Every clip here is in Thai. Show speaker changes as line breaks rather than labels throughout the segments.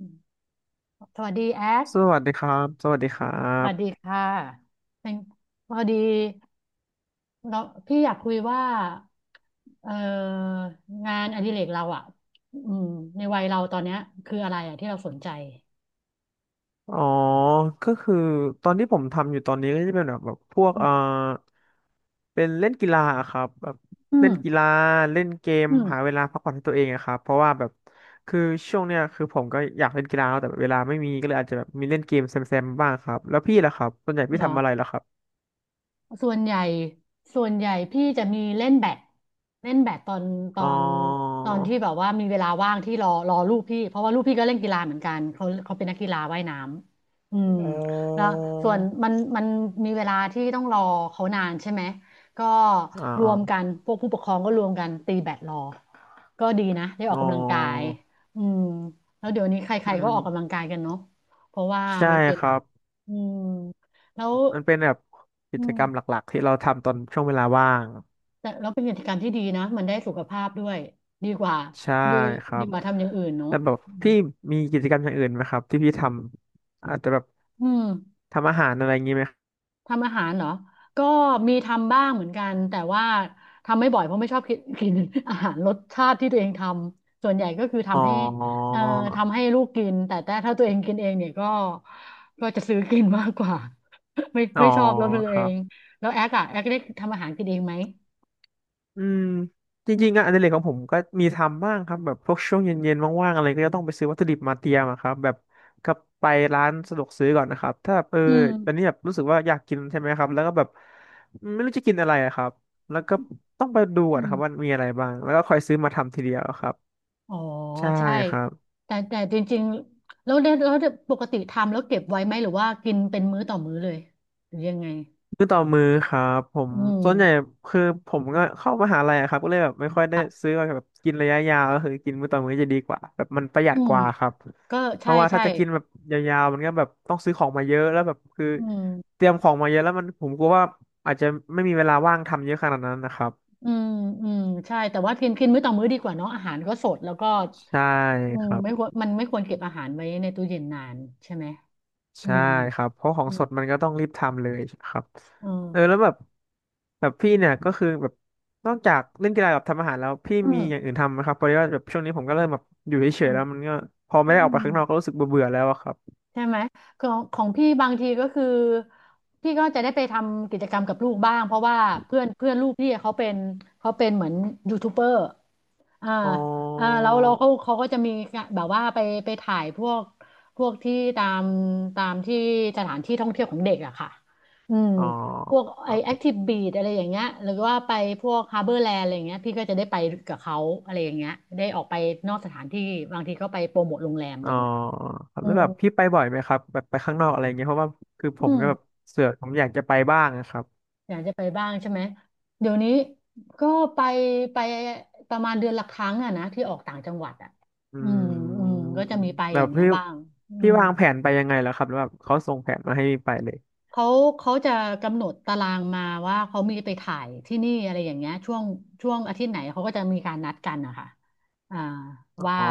อืมสวัสดีแอค
สวัสดีครับสวัสดีครั
สวัสดี
บ
ค่ะเป็นพอดีเราพี่อยากคุยว่าเอ่องานอดิเรกเราอ่ะอืมในวัยเราตอนเนี้ยคืออะไรอ่ะที่เราสนใจ
อ๋อ ก็คือตอนที่ผมทำอยู่ตอนนี้ก็จะเป็นแบบพวก
อืม
เป็นเล่นกีฬาอะครับแบบ
อื
เล่
ม
นกีฬาเล่นเกม
อื
หา
ม
เวลาพักผ่อนให้ตัวเองอะครับเพราะว่าแบบคือช่วงเนี้ยคือผมก็อยากเล่นกีฬาแต่เวลาไม่มีก็เลยอาจจะแบบมีเล่นเกมแซมๆบ้างครับแล้วพี่ล่ะครับส่วนใหญ่พี่
เหรอ
ทำอะไรล่ะครับ
ส่วนใหญ่ส่วนใหญ่พี่จะมีเล่นแบดเล่นแบดตอนตอ
อ๋อ
นตอนที่แบบว่ามีเวลาว่างที่รอลูกพี่เพราะว่าลูกพี่ก็เล่นกีฬาเหมือนกันเขาเป็นนักกีฬาว่ายน้ำอืมแล้ว
อ
ส่วนมันมีเวลาที่ต้องรอเขานานใช่ไหมก็
อ๋อ
ร
อ๋อ
วมกันพวกผู้ปกครองก็รวมกันตีแบดรอก็ดีนะได้ออ
อ๋อ
กกำลังกายอืมแล้วเดี๋ยวนี้ใค
อื
รๆก็อ
ม
อกกำลังกายกันเนาะเพราะว่า
ใช่
มันเป็น
ครับ
อืมแล้ว
มันเป็นแบบกิ
อื
จกรรมห
ม
ลักๆที่เราทำตอนช่วงเวลาว่าง
แต่แล้วเป็นกิจกรรมที่ดีนะมันได้สุขภาพด้วยดีกว่า
ใช่
ดี
ครั
ดี
บ
กว่าทำอย่างอื่นเนาะ
แล้วแบบ
อืม
พี่มีกิจกรรมอย่างอื่นไหมครับที่พี่ทำอาจจะแบบ
อืม
ทำอาหารอะไรอย่างงี้ไหม
ทำอาหารเหรอก็มีทำบ้างเหมือนกันแต่ว่าทำไม่บ่อยเพราะไม่ชอบกิน กิน อาหารรสชาติที่ตัวเองทำส่วนใหญ่ก็คือ
อ๋อ
ทำให้เอ่อทำให้ลูกกินแต่ถ้าตัวเองกินเองเนี่ยก็ก็จะซื้อกินมากกว่า ไม่
อ๋อ
ไม่ชอบรสมือ
ค
เอ
รั
ง
บ
แล้วแอ๊กอะแอ๊กได้ทำอาหารกินเองไหม
อืมจ
อืม
ริงๆงานอดิเรกของผมก็มีทำบ้างครับแบบพวกช่วงเย็นๆว่างๆอะไรก็จะต้องไปซื้อวัตถุดิบมาเตรียมอะครับแบบก็ไปร้านสะดวกซื้อก่อนนะครับถ้าแบบเออ
อื
ตอน
ม
นี้แบบรู้สึกว่าอยากกินใช่ไหมครับแล้วก็แบบไม่รู้จะกินอะไรอะครับแล้วก็ต้องไปดูก่อน
อืม
ครับว่ามีอะไรบ้างแล้วก็คอยซื้อมาทำทีเดียวครับ
อ๋อ
ใช่
ใช่
ครับ
แต่จริงๆแล้วเนี่ยแล้วปกติทำแล้วเก็บไว้ไหมหรือว่ากินเป็นมื้อต่อมื้อเลยหรือยังไง
มือต่อมือครับผม
อืม
ส่วนใหญ่คือผมก็เข้ามหาลัยอะครับก็เลยแบบไม่ค่อย
ค
ได้
รับ
ซื้อมาแบบกินระยะยาวก็คือกินมื้อต่อมื้อจะดีกว่าแบบมันประหยั
อื
ดก
ม
ว่าครับ
ก็
เพ
ใช่
ราะว่า
ใช่
ถ้าจะกินแบบยาวๆมันก็แบบต้องซื้อของมาเยอะแล้วแบบคือ
อืม
เตรียมของมาเยอะแล้วมันผมกลัวว่าอาจจะไม่มีเวลาว่างทำเยอะขนาดนั้นนะครับ
อืมอืมใช่แต่ว่ากินกินมื้อต่อมื้อดีกว่าเนาะอาหารก็สดแล้วก็
ใช่
อื
ค
ม
รับ
ไม่ควรมันไม่ควรเก็บอาหารไว้ในตู้เย็นนานใช่ไหมอื
ใช่
ม
ครับเพราะของ
อืม
สดมันก็ต้องรีบทำเลยครับ
อื
เออแล้ว
ม
แบบพี่เนี่ยก็คือแบบนอกจากเล่นกีฬากับทำอาหารแล้วพี่
อื
มี
ม
อย่างอื่นทำไหมครับเพราะว่าแบบช่วงนี้ผมก็เริ่มแบบอยู่เฉยๆแล้วมันก็พอ
อื
ไม่ได้ออกไปข้างนอกก็
ม
รู้สึกเบื่อๆแล้วอะครับ
ใช่ไหมของของพี่บางทีก็คือพี่ก็จะได้ไปทำกิจกรรมกับลูกบ้างเพราะว่าเพื่อนเพื่อนลูกพี่เขาเป็นเขาเป็นเหมือนยูทูบเบอร์อ่า
อ๋อ
อ่าแล้วเราเขาก็จะมีแบบว่าไปไปถ่ายพวกพวกที่ตามตามที่สถานที่ท่องเที่ยวของเด็กอะค่ะอืม
อ๋อ
พวก
ค
ไอ
รั
แอค
บ
ทีฟบีดอะไรอย่างเงี้ยหรือว่าไปพวกฮาร์เบอร์แลนด์อะไรอย่างเงี้ยพี่ก็จะได้ไปกับเขาอะไรอย่างเงี้ยได้ออกไปนอกสถานที่บางทีก็ไปโปรโมทโรงแรมอะไร
อ๋อ
อย่างเงี้ย
ครับ
อื
แล้ว
ม
แบบพี่ไปบ่อยไหมครับแบบไปข้างนอกอะไรเงี้ยเพราะว่าคือผ
อื
ม
ม
ก็แบบเสือกผมอยากจะไปบ้างนะครับ
อยากจะไปบ้างใช่ไหม เดี๋ยวนี้ก็ไปไปประมาณเดือนละครั้งอะนะที่ออกต่างจังหวัดอะ
อื
อืมอืม
ม
ก็จะมีไป
แบ
อย่า
บ
งเงี้ย
พี่
บ้างอื
พี่
ม
วางแผนไปยังไงแล้วครับแล้วแบบเขาส่งแผนมาให้ไปเลย
เขาเขาจะกำหนดตารางมาว่าเขามีไปถ่ายที่นี่อะไรอย่างเงี้ยช่วงอาทิตย์ไหนเขาก็จะมีการนัดกันนะคะอ่า
อ
ว่า
๋อ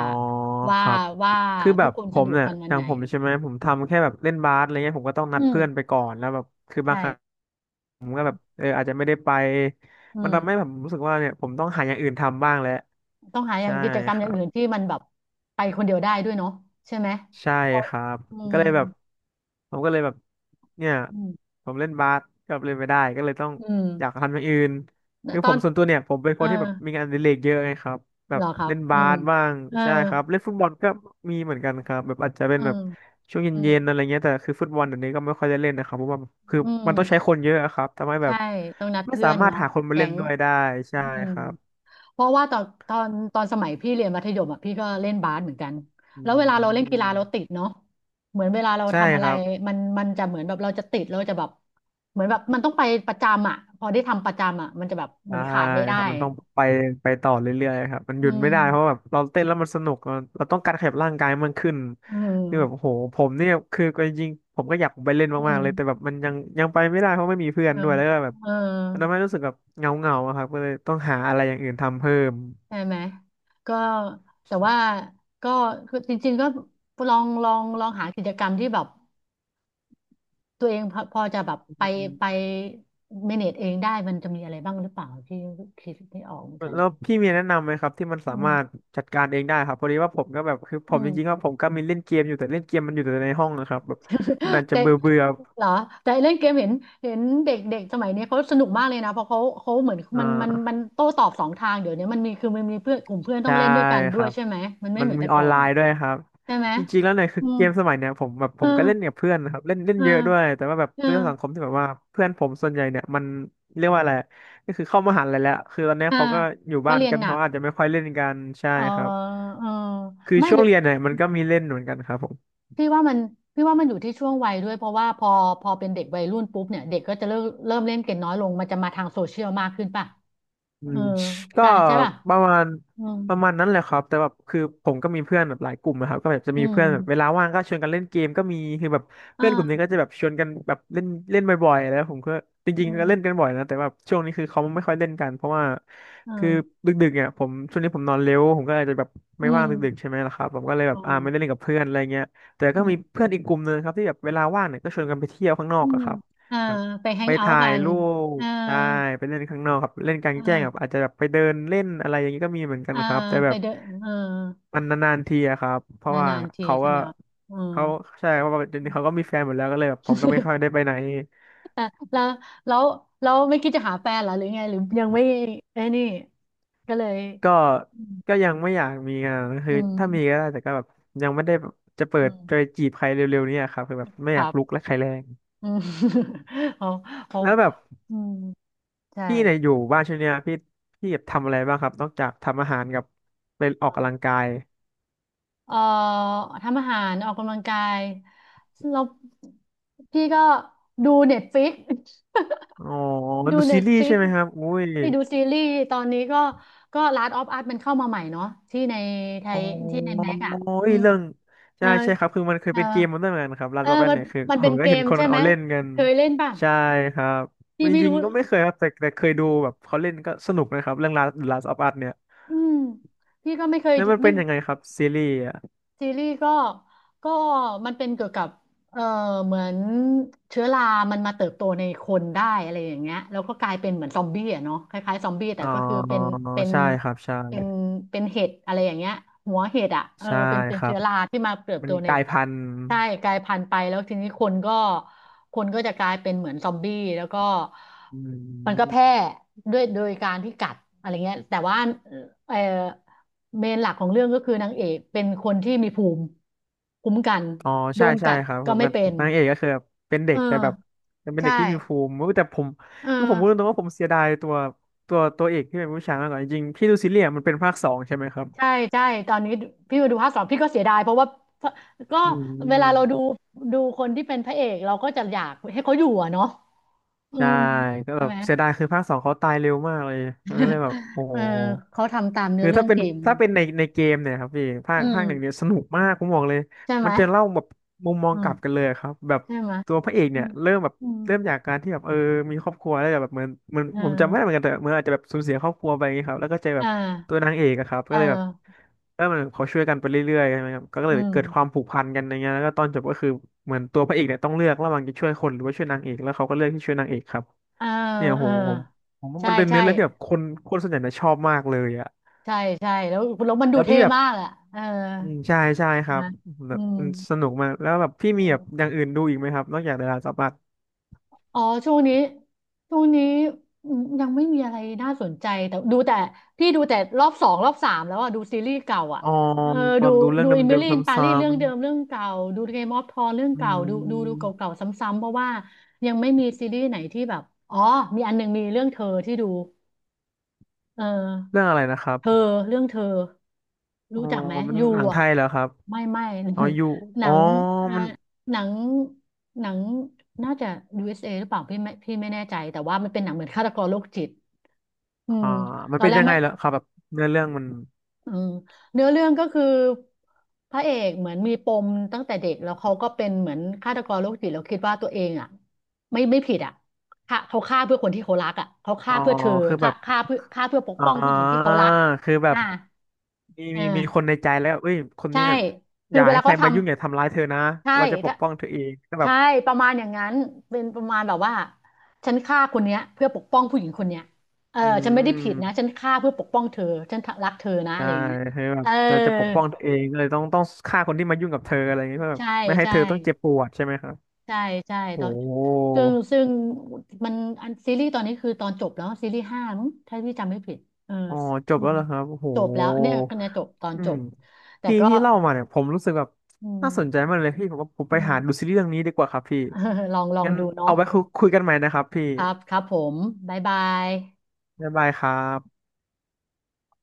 ว่า
ครับ
ว่า
คือแบ
ทุก
บ
คน
ผ
สะด
ม
วก
เนี่ย
กันวั
อ
น
ย่า
ไห
ง
น
ผมใช่ไหมผมทำแค่แบบเล่นบาสอะไรเงี้ยผมก็ต้องนัด
อืม
เพื่อนไปก่อนแล้วแบบคือบาง
ใช่
ครั้งเอออาจจะไม่ได้ไป
อื
มันทำให้ผ
ม
มรู้สึกว่าเนี่ยผมต้องหาอย่างอื่นทำบ้างแล้ว
ต้องหาอย่า
ใช่
งกิจกรร
ค
มอย่า
รั
ง
บ
อื่นที่มันแบบไปคนเดียวได้ด้วยเนาะใช่ไหม
ใช่
เพราะ
ครับ
อื
ก็
ม
เลยแบบผมก็เลยแบบเนี่ย
อืม
ผมเล่นบาสก็เล่นไม่ได้ก็เลยต้อง
อื
อยาก
ม
ทำอย่างอื่นคือ
ต
ผ
อ
ม
น
ส่วนตัวเนี่ยผมเป็น
เอ
ค
อ
นที่แบบมีงานอดิเรกเยอะไงครับแบ
เหร
บ
อครับ
เล่น
อื
บา
ม
สบ้าง
เออ
ใช่ครับเล่นฟุตบอลก็มีเหมือนกันครับแบบอาจจะเป็
เอ
น
อ
แบบช่วง
อื
เย็
ม
นๆอะไรเงี้ยแต่คือฟุตบอลเดี๋ยวนี้ก็ไม่ค่อยได้เล่นนะครับเพราะว่าคือ
อื
มัน
ม
ต้องใช้คนเยอะอะครับทำให้แบ
ใช่
บ
ต้องนัด
ไม่
เพื่
สา
อน
มารถ
เนาะ
หาคนมา
แก๊
เล่น
ง
ด้วยได้
อ
ใช่
ืม
ครับ
เพราะว่าตอนตอนตอนสมัยพี่เรียนมัธยมอ่ะพี่ก็เล่นบาสเหมือนกัน
อื
แล้วเวลาเราเล่นกีฬา
ม
เราติดเนาะเหมือนเวลาเรา
ใช่
ทำอะ
ค
ไร
รับ
มันจะเหมือนแบบเราจะติดเราจะแบบเหมือนแบบมันต้องไปประจำอ่ะพอได้ทำประจำอ่ะมันจะแบบเหมื
ใช่
อนขาดไม่ได้
ครับมันต้องไปไปต่อเรื่อยๆครับมันห
อื
ยุดไม่
ม
ได้เพราะแบบเราเต้นแล้วมันสนุกเราต้องการขยับร่างกายมันขึ้น
อื
นี่แบบโอ้
ม
โหผมเนี่ยคือก็จริงๆผมก็อยากไปเล่น
อื
มาก
ม
ๆเลยแต่แบบมันยังไปไม่ได้เพราะไม่มีเพื่อ
เอ
น
อ
ด้วยแล้วก็แบบ
เออ
มันทำให้รู้สึกแบบเงาๆงาครับก็เลยต้องหาอะไรอย่างอื่นทำเพิ่ม
ใช่ไหมก็แต่ว่าก็คือจริงๆก็ลองหากิจกรรมที่แบบตัวเองพอจะแบบ
อ
ไป
ื
ไป
ม
เมเนจเองได้มันจะมีอะไรบ้างหรือเปล่าที่คิดไม่ออกเหมือนกัน
แล้วพี่มีแนะนำไหมครับที่มันสา
อื
มารถ
ม
จัดการเองได้ครับพอดีว่าผมก็แบบคือผ
อื
มจริงๆก็
ม
ผมก็มีเล่นเกมอยู่แต่เล่นเกมมันอยู่แต่ในห้องนะครับแบบมันอาจจะ
แต่
เบื่อเบื่อ
เหรอแต่เล่นเกมเห็นเห็นเด็กเด็กสมัยนี้เขาสนุกมากเลยนะเพราะเขาเหมือน
อ่
มัน
า
โต้ตอบสองทางเดี๋ยวนี้มันมีคือมันมีเพื่อนกลุ่มเพื่อนต้อง
ใช่
เล่นด้วยกัน
ค
ด้ว
รั
ย
บ
ใช่ไหมมันไม่
มัน
เหมือน
มี
แต่
ออ
ก่
น
อ
ไล
น
น์ด้วยครับ
ใช่ไหม
จริงๆ แล้วเนี่ยคือ
อืม
เกมสมัยเนี่ยผมแบบผ
เอ
มก็
อ
เล่นกับเพื่อนนะครับเล่นเล่น
เออ
เยอะด้วยแต่ว่าแบบ
เออ
ด้วยสังคมที่แบบว่าเพื่อนผมส่วนใหญ่เนี่ยมันเรียกว่าอะไรก็คือเข้ามหาลัยแล้วคือตอนเนี้ย
อ่า
เขาก็อยู่
ก็
บ้าน
เรียน
กัน
หนั
เขา
ก
อาจจะไม่ค่อยเล่นกันใช่
เออ
ครับ
เออ
คือ
ไม่
ช่
ห
ว
รื
ง
อ
เรียนเนี่ยมันก็มีเล่นเหมือนกันครับผม
พี่ว่ามันพี่ว่ามันอยู่ที่ช่วงวัยด้วยเพราะว่าพอพอเป็นเด็กวัยรุ่นปุ๊บเนี่ยเด็กก็จะเริ่มเล่นเกมน้อยลงมันจะมาทางโซเชียลมากขึ้นป่ะ
อื
เออ
มก็
การใช่ป่ะ
ประมาณ
อืม
ประมาณนั้นแหละครับแต่แบบคือผมก็มีเพื่อนแบบหลายกลุ่มนะครับก็แบบจะ
อื
มีเพื่อนแบบเว
ม
ลาว่างก็ชวนกันเล่นเกมก็มีคือแบบเพื่อนกลุ่มนี้ก็
อ่า
จะแบบชวนกันแบบเล่นเล่นบ่อยๆแล้วผมก็จ
อื
ริงๆก็เล่นกั
ม
นบ่อยนะแต่แบบช่วงนี้คือเขาไม่ค่อยเล่นกันเพราะว่าคือ
อ่า
ดึกๆเนี่ยผมช่วงนี้ผมนอนเร็วผมก็อาจจะแบบ
อื
ไม่ว่า
ม
งดึกๆใช่ไหมล่ะครับผมก็เลยแบ
อ๋อ
บไม่ได้เล่นกับเพื่อนอะไรเงี้ยแต่
อื
ก็มี
ม
เพื่อนอีกกลุ่มนึงครับที่แบบเวลาว่างเนี่ยก็ชวนกันไปเที่ยวข้างนอ
อื
กอะ
ม
ครับ
อ่าไปแฮ
ไป
งเอาท์
ถ่า
กั
ย
น
รูป
อ่า
ได้ไปเล่นข้างนอกครับเล่นกลาง
อ่า
แจ้งครับอาจจะแบบไปเดินเล่นอะไรอย่างนี้ก็มีเหมือนกัน
อ่า
ครับแต่แบ
ไป
บ
เดนเออ
มันนานๆทีอะครับเพ
น
ราะว่า
านๆที
เขา
ใช่
ก็
ไหมครับอืม
เขาใช่เพราะว่าเดี๋ยวนี้เขาก็มีแฟนหมดแล้วก็เลยแบบผมก็ไม่ค่อยได้ไปไหน
อ่ะแล้วแล้วแล้วไม่คิดจะหาแฟนเหรอหรือไงหรือยังไม่ไอ้นี่ก็เลย
ก็
อืม
ก็ยังไม่อยากมีงาน
อื
คือถ้ามี
ม
ก็ได้แต่ก็แบบยังไม่ได้แบบจะเปิ
อื
ด
ม
จะไปจีบใครเร็วๆเนี่ยครับคือแบบไม่
ค
อ
รั
ยาก
บ
ลุกและใครแรง
อืม เขาเขา
แล้วแบบ
อืมใช่
พี่เนี่ยอยู่บ้านช่วงเนี้ยพี่แบบทำอะไรบ้างครับนอกจากทำอาหารกับไปออก
อ่า
กำลังกาย
เอ่อทำอาหารออกกำลังกายแล้วพี่ก็ดูเน็ตฟิก
อ๋อ
ดู
ดู
เน็
ซี
ต
รีส์
ฟิ
ใช่
ก
ไหมครับอุ้ย
ที่ดูซีรีส์ตอนนี้ก็ก็ Last of Us มันเข้ามาใหม่เนาะที่ในไท
อ๋อ
ยที่ในแม็กอะ
เอ้
อื
ย
ม
เรื่อง
เออ
ใช่ใช่ครับคือมันเคย
เออ
เป็นเกมมันด้วยเหมือนกันครับลาส
เอ
ต์
อ
อออั
มัน
เนี่ยคือ
มัน
ผ
เป็
ม
น
ก็
เก
เห็น
ม
คน
ใช่ไหม
เอาเล่นกัน
เคยเล่นป่ะ
ใช่ครับ
พี่
จ
ไม่
ริง
รู้
ๆก็ไม่เคยครับแต่แต่เคยดูแบบเขาเล่นก็สนุกนะครับเรื่อง Last of Us เนี่ย
อืมพี่ก็ไม่เคย
แล้วมัน
ไม่
เป็นยังไงครับซีรีส์อ่ะ
ซีรีส์ก็มันเป็นเกี่ยวกับเออเหมือนเชื้อรามันมาเติบโตในคนได้อะไรอย่างเงี้ยแล้วก็กลายเป็นเหมือนซอมบี้อ่ะเนาะคล้ายๆซอมบี้แต่
อ๋อ
ก็คือเป็น
ใช่ครับใช่
เป็นเป็นเห็ดอะไรอย่างเงี้ยหัวเห็ดอ่ะเออ
ใช่
เป็นเป็
ค
น
รั
เชื้
บ
อราที่มาเติบ
มั
โต
น
ใน
กลายพันธุ์
ใช่กลายพันธุ์ไปแล้วทีนี้คนก็จะกลายเป็นเหมือนซอมบี้แล้วก็
อื
มันก็แพร่
ม
ด้วยโดยการที่กัดอะไรเงี้ยแต่ว่าเออเมนหลักของเรื่องก็คือนางเอกเป็นคนที่มีภูมิคุ้มกัน
อ๋อ
โด
ใช่
น
ใช่
กัด
ครับ
ก็
คือ
ไม่
แบบ
เป็น
นางเอกก็คือแบบเป็นเด็
เออ
กแต่แบบเป็น
ใช่
เด็กที่มีภูมิแต่ผม
เออ
คือผมพูดตรงๆว่าผมเสียดายตัวตัวเอกที่เป็นผู้ชายมากกว่าจริงๆพี่ดูซีเรียส์มันเป็นภาคสองใช่ไหมครับ
ใช่ใช่ตอนนี้พี่มาดูภาคสองพี่ก็เสียดายเพราะว่าก็
อื
เวลาเราดู
ม
คนที่เป็นพระเอกเราก็จะอยากให้เขาอยู่อะเนาะอื
ใช่
ม
ก็
ใช่
แบบ
ไหม
เสียดายคือภาคสองเขาตายเร็วมากเลยมันก็เลยแบบโอ้
เอ
โห
อเขาทำตามเนื้อ
คือ
เรื่อ
ถ้า
ง
เป็น
เกม
ถ้าเป็นในเกมเนี่ยครับพี่ภา
อื
คภาคหนึ่งเนี่ย
ม
สนุกมากผมบอกเลย
ใช่ไหม
มันจะเล่าแบบมุมมอ
อื
งก
ม
ลับกันเลยครับแบบ
ใช่ไหม
ตัวพระเอก
อื
เนี่ย
ม
เริ่มแบบ
อืม
เริ่มจากการที่แบบมีครอบครัวแล้วแบบเหมือน
เออ
ผมจำไม่ได้เหมือนกันแต่เหมื่อนอาจจะแบบสูญเสียครอบครัวไปอย่างเงี้ยครับแล้วก็เจอแบ
เออ
บ ตัวนางเอกอะครับ
เอ
ก็เลยแบบ
อ
มันเขาช่วยกันไปเรื่อยๆใช่ไหมครับก็
อื
เลย
ม
เกิดความผูกพันกันอย่างเงี้ยแล้วก็ตอนจบก็คือเหมือนตัวพระเอกเนี่ยต้องเลือกระหว่างจะช่วยคนหรือว่าช่วยนางเอกแล้วเขาก็เลือกที่ช่วยนางเอกครับ
เออ
เนี่ย
เอ
โห
อ
ผมผมว่า
ใช่
มันเป็น
ใช่
เนื้อเรื่องที่แบบคนคนส่วนใหญ่นะชอบมากเลยอะ
ใช่ใช่แล้วแล้วมันดู
แล้ว
เท่
พี่แบบ
มากอ่ะเออ
อืมใช่ใช่ค
ใช่
รั
ไห
บ
มา
แบ
อื
บ
ม
มันสนุกมากแล้วแบบพี่
อื
มีแบ
ม
บอย่างอื่นดูอีกไหมครับนอกจากเดอะลาสต์ออฟอัส
อ๋อช่วงนี้ช่วงนี้อืมยังไม่มีอะไรน่าสนใจแต่ดูแต่พี่ดูแต่รอบสองรอบสามแล้วอ่ะดูซีรีส์เก่าอ่ะ
อ๋อ
เออ
แบ
ดู
บดูเรื่อ
ดู
งเด
อิมิ
ิ
ลี่อิน
ม
ปา
ๆซ้
รีเรื่องเดิมเรื่องเก่าดูเกมออฟทรอน
ำ
เรื่อง
ๆอื
เก่าดู
ม
เก่าๆซ้ำๆเพราะว่ายังไม่มีซีรีส์ไหนที่แบบอ๋อมีอันหนึ่งมีเรื่องเธอที่ดู เอ
เรื่องอะไรนะครับ
เธอเรื่องเธอ
อ๋
รู้
อ
จักไหม
เป็น
ยู
หนังไท
อ่ะ
ยเหรอครับ
ไม่ไม่
อ๋ออยู่
ห
อ๋
นั
อ
งอ่า
มัน
หนังหนังน่าจะยูเอสเอหรือเปล่าพี่ไม่พี่ไม่แน่ใจแต่ว่ามันเป็นหนังเหมือนฆาตกรโรคจิตอืม
อ่ามั
ต
น
อน
เป็น
แรก
ยังไง
ไม่
เหรอครับแบบเนื้อเรื่องมัน
อืมเนื้อเรื่องก็คือพระเอกเหมือนมีปมตั้งแต่เด็กแล้วเขาก็เป็นเหมือนฆาตกรโรคจิตแล้วคิดว่าตัวเองอ่ะไม่ไม่ผิดอ่ะฆ่าเขาฆ่าเพื่อคนที่เขารักอ่ะเขา
อ๋
ฆ่า
อ
เพื่อเธอ
คือแบ
ฆ่า
บ
ฆ่าเพื่อฆ่าเพื่อปก
อ่
ป้องผู้หญิงที่
า
เขารัก
คือแบ
อ่า
บมี
เอ
มีมีคน
อ
ในใจแล้วเอ้ยคน
ใช่
เนี้ยอ
คือ
ย่า
เว
ให้
ลา
ใค
เขา
ร
ท
มายุ่งอย่าทำร้ายเธอนะ
ำใช่
เราจะป
ถ้า
กป้องเธอเองก็แบ
ใช่
บ
ประมาณอย่างนั้นเป็นประมาณแบบว่าฉันฆ่าคนเนี้ยเพื่อปกป้องผู้หญิงคนเนี้ยเออ
อื
ฉันไม่ได้ผิดนะฉัน
ม
ฆ่าเพื่อปกป้องเธอฉันรักเธอนะอะ
ใช่
ไรอย่างเงี้ย
เธอแบ
เอ
บ
อ
จะปกป้องเธอเองก็เลยต้องฆ่าคนที่มายุ่งกับเธออะไรอย่างเงี้ยเพื่อแบบ
ใช่
ไม่ให้
ใช่
เธอต้องเจ็บปวดใช่ไหมครับ
ใช่ใช่
โอ้
ตอนซึ่งมันอันซีรีส์ตอนนี้คือตอนจบแล้วซีรีส์ห้ามั้งถ้าพี่จำไม่ผิดเออ
อ๋อจ
อื
บแล้ว
ม
เหรอครับโอ้โห
จบแล้วเนี่ยคะแนนจบตอน
อื
จ
ม
บแต่
ที่
ก็
ที่เล่ามาเนี่ยผมรู้สึกแบบ
อืม
น่าสนใจมากเลยพี่ผมว่าผมไปหาดูซีรีส์เรื่องนี้ดีกว่าครับพี่
เออลองลอง
งั้น
ดู
เอา
เนาะ
ไว้คุยกันใหม่นะครับพี่
ครับครับผมบ๊ายบาย
บ๊ายบายครับ